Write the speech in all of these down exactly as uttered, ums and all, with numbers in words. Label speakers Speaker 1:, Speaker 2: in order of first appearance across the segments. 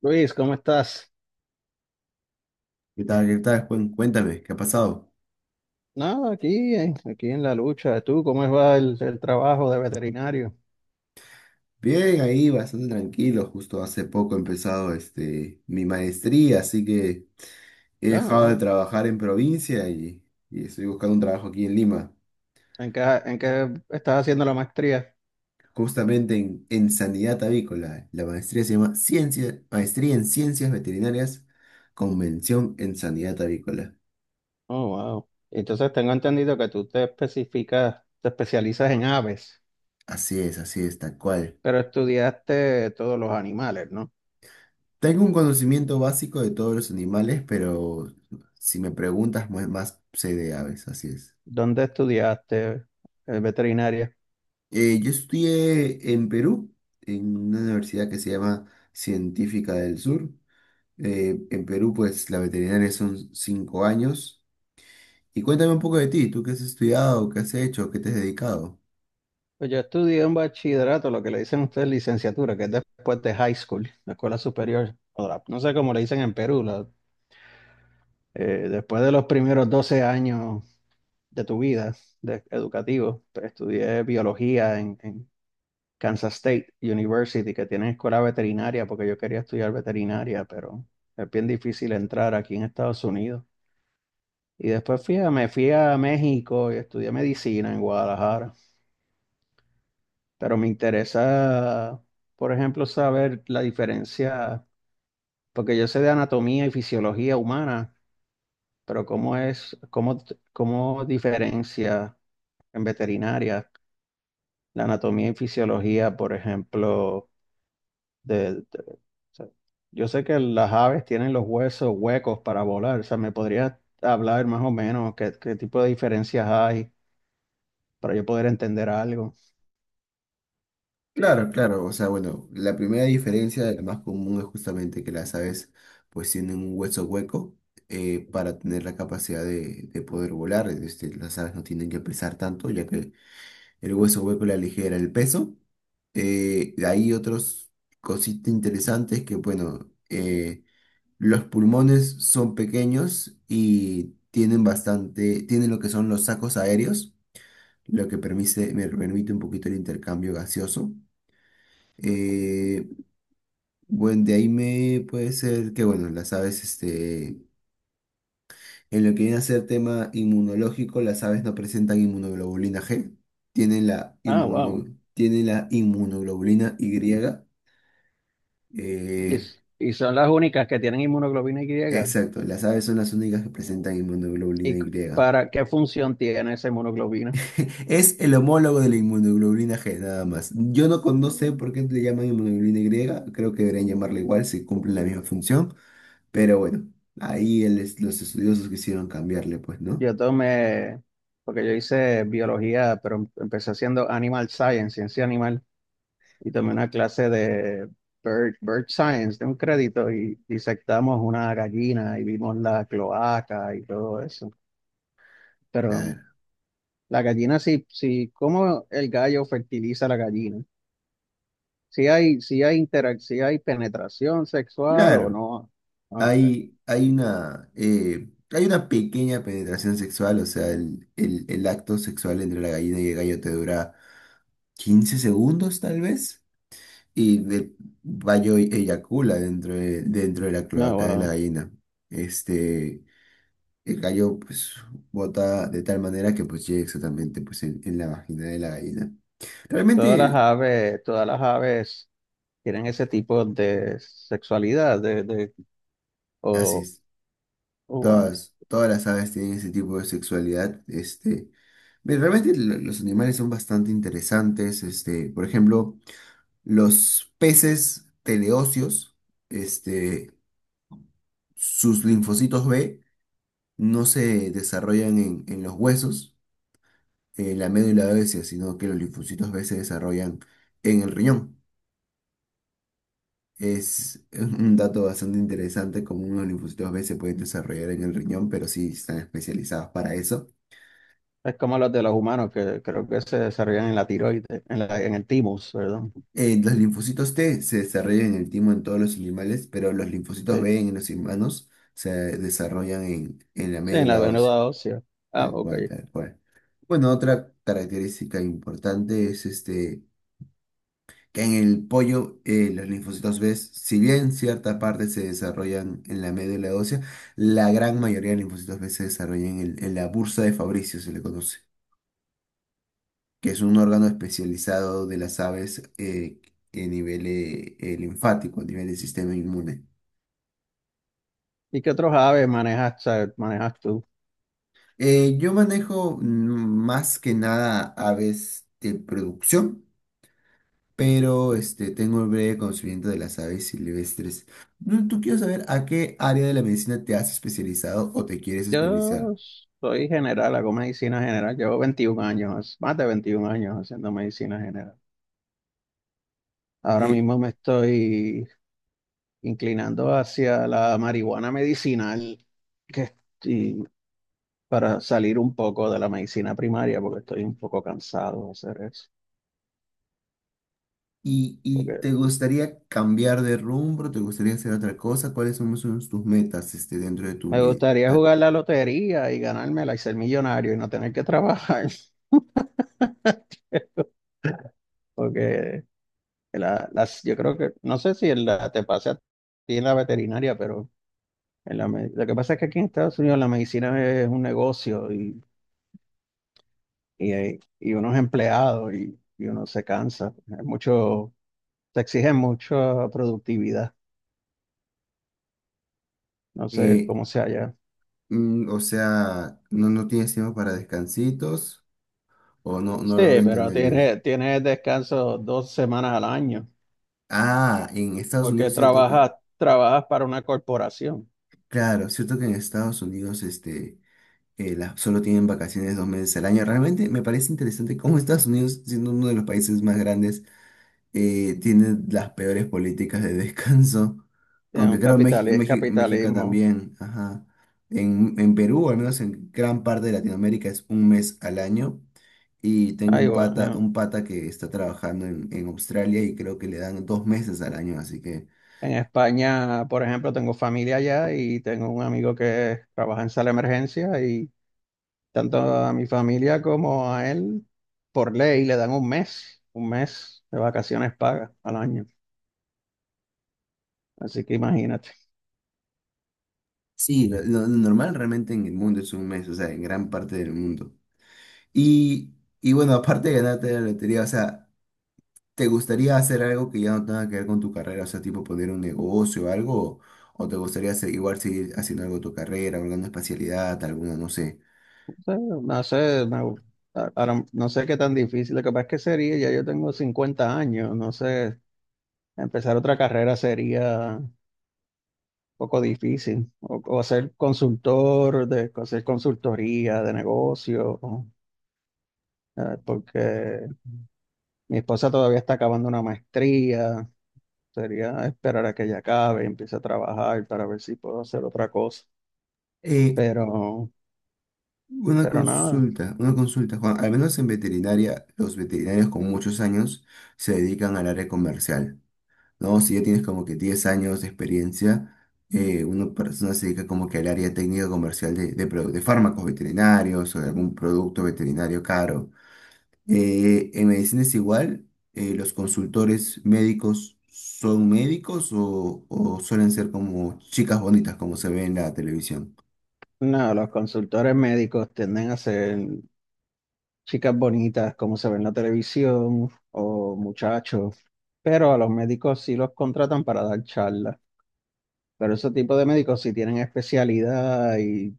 Speaker 1: Luis, ¿cómo estás?
Speaker 2: ¿Qué tal? ¿Qué tal, Juan? Cuéntame, ¿qué ha pasado?
Speaker 1: No, aquí, eh, aquí en la lucha. ¿Tú cómo va el, el trabajo de veterinario?
Speaker 2: Bien, ahí bastante tranquilo. Justo hace poco he empezado este, mi maestría, así que he
Speaker 1: No,
Speaker 2: dejado de
Speaker 1: wow.
Speaker 2: trabajar en provincia y, y estoy buscando un trabajo aquí en Lima,
Speaker 1: ¿En qué, en qué estás haciendo la maestría?
Speaker 2: justamente en, en sanidad avícola. La maestría se llama Ciencia, Maestría en Ciencias Veterinarias con mención en sanidad avícola.
Speaker 1: Oh, wow. Entonces tengo entendido que tú te especificas, te especializas en aves,
Speaker 2: Así es, así es, tal cual.
Speaker 1: pero estudiaste todos los animales, ¿no?
Speaker 2: Tengo un conocimiento básico de todos los animales, pero si me preguntas, más más sé de aves, así es.
Speaker 1: ¿Dónde estudiaste eh, veterinaria?
Speaker 2: Eh, yo estudié en Perú, en una universidad que se llama Científica del Sur. Eh, en Perú, pues la veterinaria son cinco años. Y cuéntame un poco de ti, ¿tú qué has estudiado, qué has hecho, qué te has dedicado?
Speaker 1: Pues yo estudié un bachillerato, lo que le dicen ustedes licenciatura, que es después de high school, la escuela superior. o la- No sé cómo le dicen en Perú, la Eh, después de los primeros doce años de tu vida de, educativo, pues, estudié biología en, en Kansas State University, que tiene escuela veterinaria, porque yo quería estudiar veterinaria, pero es bien difícil entrar aquí en Estados Unidos. Y después fui a- me fui a México y estudié medicina en Guadalajara. Pero me interesa, por ejemplo, saber la diferencia, porque yo sé de anatomía y fisiología humana, pero cómo es, cómo, cómo diferencia en veterinaria, la anatomía y fisiología, por ejemplo, de, de- o sea, yo sé que las aves tienen los huesos huecos para volar, o sea, me podrías hablar más o menos qué, qué tipo de diferencias hay para yo poder entender algo.
Speaker 2: Claro, claro, o sea, bueno, la primera diferencia, la más común, es justamente que las aves pues tienen un hueso hueco eh, para tener la capacidad de, de poder volar. Este, las aves no tienen que pesar tanto, ya que el hueso hueco, la ligera, el peso. Eh, hay otros cositas interesantes que, bueno, eh, los pulmones son pequeños y tienen bastante, tienen lo que son los sacos aéreos, lo que permite, me permite un poquito el intercambio gaseoso. Eh, bueno, de ahí me puede ser que, bueno, las aves, este, en lo que viene a ser tema inmunológico, las aves no presentan inmunoglobulina G, tienen la,
Speaker 1: Ah, wow.
Speaker 2: inmuno- tienen la inmunoglobulina Y.
Speaker 1: Y,
Speaker 2: eh,
Speaker 1: s- y son las únicas que tienen inmunoglobina Y.
Speaker 2: exacto, las aves son las únicas que presentan
Speaker 1: ¿Y
Speaker 2: inmunoglobulina
Speaker 1: c-
Speaker 2: Y.
Speaker 1: para qué función tiene esa inmunoglobina?
Speaker 2: Es el homólogo de la inmunoglobulina G, nada más. Yo no, con- no sé por qué le llaman inmunoglobulina Y, creo que deberían llamarla igual si cumplen la misma función, pero bueno, ahí el es- los estudiosos quisieron cambiarle, pues, ¿no?
Speaker 1: Yo tomé, porque yo hice biología, pero em- empecé haciendo animal science, ciencia animal. Y tomé una clase de bird, bird science de un crédito y disectamos una gallina y vimos la cloaca y todo eso. Pero
Speaker 2: Claro.
Speaker 1: la gallina sí, sí, cómo el gallo fertiliza la gallina. Si hay, si hay interac- si hay penetración sexual o
Speaker 2: Claro.
Speaker 1: no. Ah, okay.
Speaker 2: Hay, hay una, eh, hay una pequeña penetración sexual, o sea, el, el- el acto sexual entre la gallina y el gallo te dura quince segundos tal vez, y el gallo eyacula dentro de, dentro de la
Speaker 1: No,
Speaker 2: cloaca de la
Speaker 1: wow.
Speaker 2: gallina. Este, el gallo pues bota de tal manera que pues llega exactamente pues en, en la vagina de la gallina.
Speaker 1: Todas las
Speaker 2: Realmente
Speaker 1: aves, todas las aves tienen ese tipo de sexualidad. de, de,
Speaker 2: así
Speaker 1: o,
Speaker 2: es.
Speaker 1: o,
Speaker 2: Todas, todas las aves tienen ese tipo de sexualidad. Este, ve, realmente lo- los animales son bastante interesantes. Este, por ejemplo, los peces teleóseos, este, sus linfocitos B no se desarrollan en, en los huesos, en la médula ósea, sino que los linfocitos B se desarrollan en el riñón. Es un dato bastante interesante, como unos linfocitos B se pueden desarrollar en el riñón, pero sí están especializados para eso.
Speaker 1: Es como los de los humanos que creo que se desarrollan en la tiroides, en la- en el timus, perdón.
Speaker 2: Eh, los linfocitos T se desarrollan en el timo en todos los animales, pero los linfocitos
Speaker 1: Sí,
Speaker 2: B en los humanos se desarrollan en, en la
Speaker 1: sí, en la
Speaker 2: médula ósea,
Speaker 1: venuda ósea. Ah,
Speaker 2: tal
Speaker 1: ok.
Speaker 2: cual, tal cual. Bueno, otra característica importante es este, que en el pollo eh, los linfocitos B, si bien cierta parte se desarrollan en la médula ósea, la gran mayoría de linfocitos B se desarrollan en, el- en la bursa de Fabricio, se le conoce. Que es un órgano especializado de las aves eh, a nivel eh, eh, linfático, a nivel del sistema inmune.
Speaker 1: ¿Y qué otros aves manejas, o sea, manejas tú?
Speaker 2: Eh, yo manejo mm, más que nada aves de producción, pero este, tengo un breve conocimiento de las aves silvestres. ¿Tú, tú quiero saber a qué área de la medicina te has especializado o te quieres
Speaker 1: Yo
Speaker 2: especializar?
Speaker 1: soy general, hago medicina general. Llevo veintiún años, más de veintiún años haciendo medicina general. Ahora
Speaker 2: Eh,
Speaker 1: mismo me estoy inclinando hacia la marihuana medicinal, que estoy- para salir un poco de la medicina primaria, porque estoy un poco cansado de hacer eso.
Speaker 2: y, y te gustaría cambiar de rumbo? ¿Te gustaría hacer otra cosa? ¿Cuáles son, son tus metas este, dentro de tu,
Speaker 1: Me
Speaker 2: me-
Speaker 1: gustaría jugar la lotería y ganármela y ser millonario y no tener que trabajar, porque la- las, yo creo que, no sé si en la, te pasa a ti en la veterinaria, pero en la me- lo que pasa es que aquí en Estados Unidos la medicina es un negocio y, y, hay- y uno es empleado y, y uno se cansa. Hay mucho, te exigen mucha productividad, no sé
Speaker 2: eh,
Speaker 1: cómo sea allá.
Speaker 2: Mm, o sea, ¿no, no tienes tiempo para descansitos o no,
Speaker 1: Sí,
Speaker 2: no logro
Speaker 1: pero
Speaker 2: entender bien?
Speaker 1: tienes, tienes descanso dos semanas al año,
Speaker 2: Ah, en Estados
Speaker 1: porque
Speaker 2: Unidos, cierto que,
Speaker 1: trabajas, trabajas para una corporación.
Speaker 2: claro, cierto que en Estados Unidos, este, eh, la- solo tienen vacaciones dos meses al año. Realmente me parece interesante cómo Estados Unidos, siendo uno de los países más grandes, eh, tiene las peores políticas de descanso.
Speaker 1: Es
Speaker 2: Aunque
Speaker 1: un
Speaker 2: creo
Speaker 1: capital,
Speaker 2: México,
Speaker 1: es
Speaker 2: México,
Speaker 1: capitalismo.
Speaker 2: también, ajá. En, en Perú, o al menos en gran parte de Latinoamérica, es un mes al año. Y tengo
Speaker 1: Ay,
Speaker 2: un pata,
Speaker 1: bueno,
Speaker 2: un pata que está trabajando en, en Australia y creo que le dan dos meses al año. Así que
Speaker 1: eh, en España, por ejemplo, tengo familia allá y tengo un amigo que trabaja en sala de emergencia y tanto a mi familia como a él, por ley, le dan un mes, un mes de vacaciones pagas al año. Así que imagínate.
Speaker 2: sí, lo, lo normal realmente en el mundo es un mes, o sea, en gran parte del mundo. Y, y bueno, aparte de ganarte la lotería, o sea, ¿te gustaría hacer algo que ya no tenga que ver con tu carrera? O sea, tipo poner un negocio o algo. ¿O te gustaría hacer- igual seguir haciendo algo de tu carrera, alguna especialidad, alguna, no sé?
Speaker 1: No sé, no sé, me- ahora no sé qué tan difícil. Lo que pasa es que sería, ya yo tengo cincuenta años, no sé, empezar otra carrera sería poco difícil. O, o ser consultor, de hacer consultoría de negocio, ¿no? eh, porque mi esposa todavía está acabando una maestría. Sería esperar a que ella acabe y empiece a trabajar para ver si puedo hacer otra cosa.
Speaker 2: Eh,
Speaker 1: Pero,
Speaker 2: una
Speaker 1: pero nada,
Speaker 2: consulta, una consulta, Juan. Al menos en veterinaria, los veterinarios con muchos años se dedican al área comercial, ¿no? Si ya tienes como que diez años de experiencia, eh, una persona se dedica como que al área técnica comercial de, de, produ- de fármacos veterinarios o de algún producto veterinario caro. Eh, en medicina es igual, eh, los consultores médicos son médicos o, o suelen ser como chicas bonitas como se ve en la televisión.
Speaker 1: nada, los consultores médicos tienden a ser chicas bonitas como se ve en la televisión o muchachos. Pero a los médicos sí los contratan para dar charlas. Pero ese tipo de médicos sí tienen especialidad. y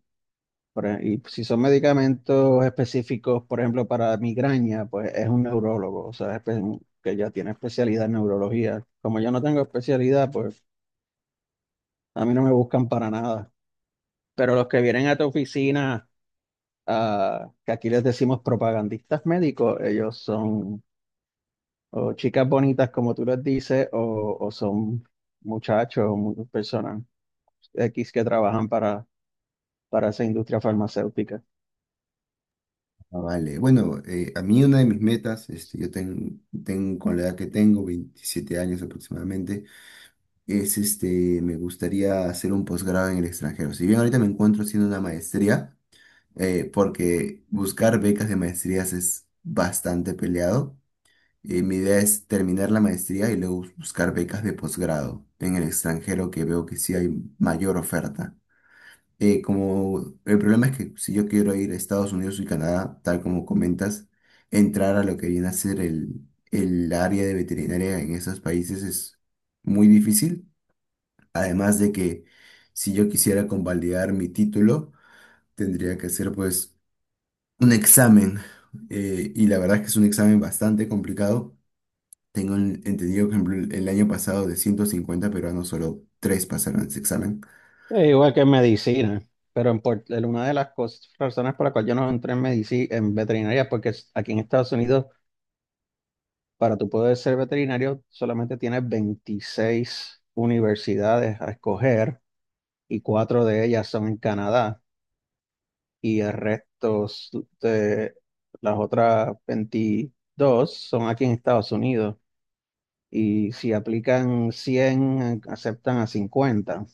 Speaker 1: Por e- Y si son medicamentos específicos, por ejemplo, para migraña, pues es un neurólogo, o sea, espe- que ya tiene especialidad en neurología. Como yo no tengo especialidad, pues a mí no me buscan para nada. Pero los que vienen a tu oficina, ah, que aquí les decimos propagandistas médicos, ellos son o chicas bonitas, como tú les dices, o, o son muchachos o mu- personas X que trabajan para, para esa industria farmacéutica.
Speaker 2: Ah, vale, bueno, eh, a mí una de mis metas, este, yo ten- tengo con la edad que tengo, veintisiete años aproximadamente, es este, me gustaría hacer un posgrado en el extranjero. Si bien ahorita me encuentro haciendo una maestría, eh, porque buscar becas de maestrías es bastante peleado. Eh, mi idea es terminar la maestría y luego bus- buscar becas de posgrado en el extranjero que veo que sí hay mayor oferta. Eh, como el problema es que si yo quiero ir a Estados Unidos y Canadá, tal como comentas, entrar a lo que viene a ser el, el área de veterinaria en esos países es muy difícil. Además de que si yo quisiera convalidar mi título, tendría que hacer pues un examen. eh, y la verdad es que es un examen bastante complicado. Tengo en- entendido que, por ejemplo, el el año pasado, de ciento cincuenta peruanos solo tres pasaron ese examen.
Speaker 1: Eh, igual que en medicina, pero en Puert- el- una de las cos- razones por las cuales yo no entré en medicina, en veterinaria, es porque es- aquí en Estados Unidos, para tú poder ser veterinario, solamente tienes veintiséis universidades a escoger y cuatro de ellas son en Canadá y el resto s- de las otras veintidós son aquí en Estados Unidos. Y si aplican cien, aceptan a cincuenta. O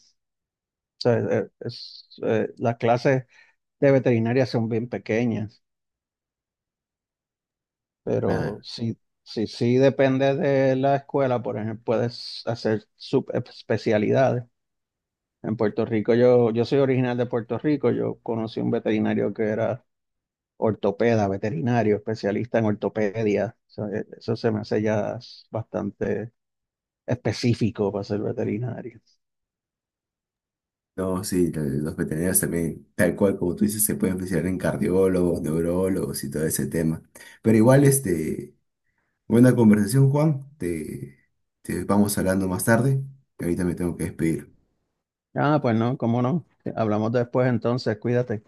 Speaker 1: sea, eh, es, eh, las clases de veterinaria son bien pequeñas, pero
Speaker 2: Ah,
Speaker 1: sí, sí, sí depende de la escuela, por ejemplo, puedes hacer subespecialidades. En Puerto Rico, yo, yo soy original de Puerto Rico, yo conocí un veterinario que era ortopeda, veterinario, especialista en ortopedia. O sea, e- eso se me hace ya bastante específico para ser veterinario.
Speaker 2: no, sí, la- los veterinarios también, tal cual como tú dices, se pueden especializar en cardiólogos, neurólogos y todo ese tema. Pero igual, este, buena conversación, Juan. Te, te vamos hablando más tarde. Ahorita me tengo que despedir.
Speaker 1: Ah, pues no, cómo no. Hablamos después entonces, cuídate.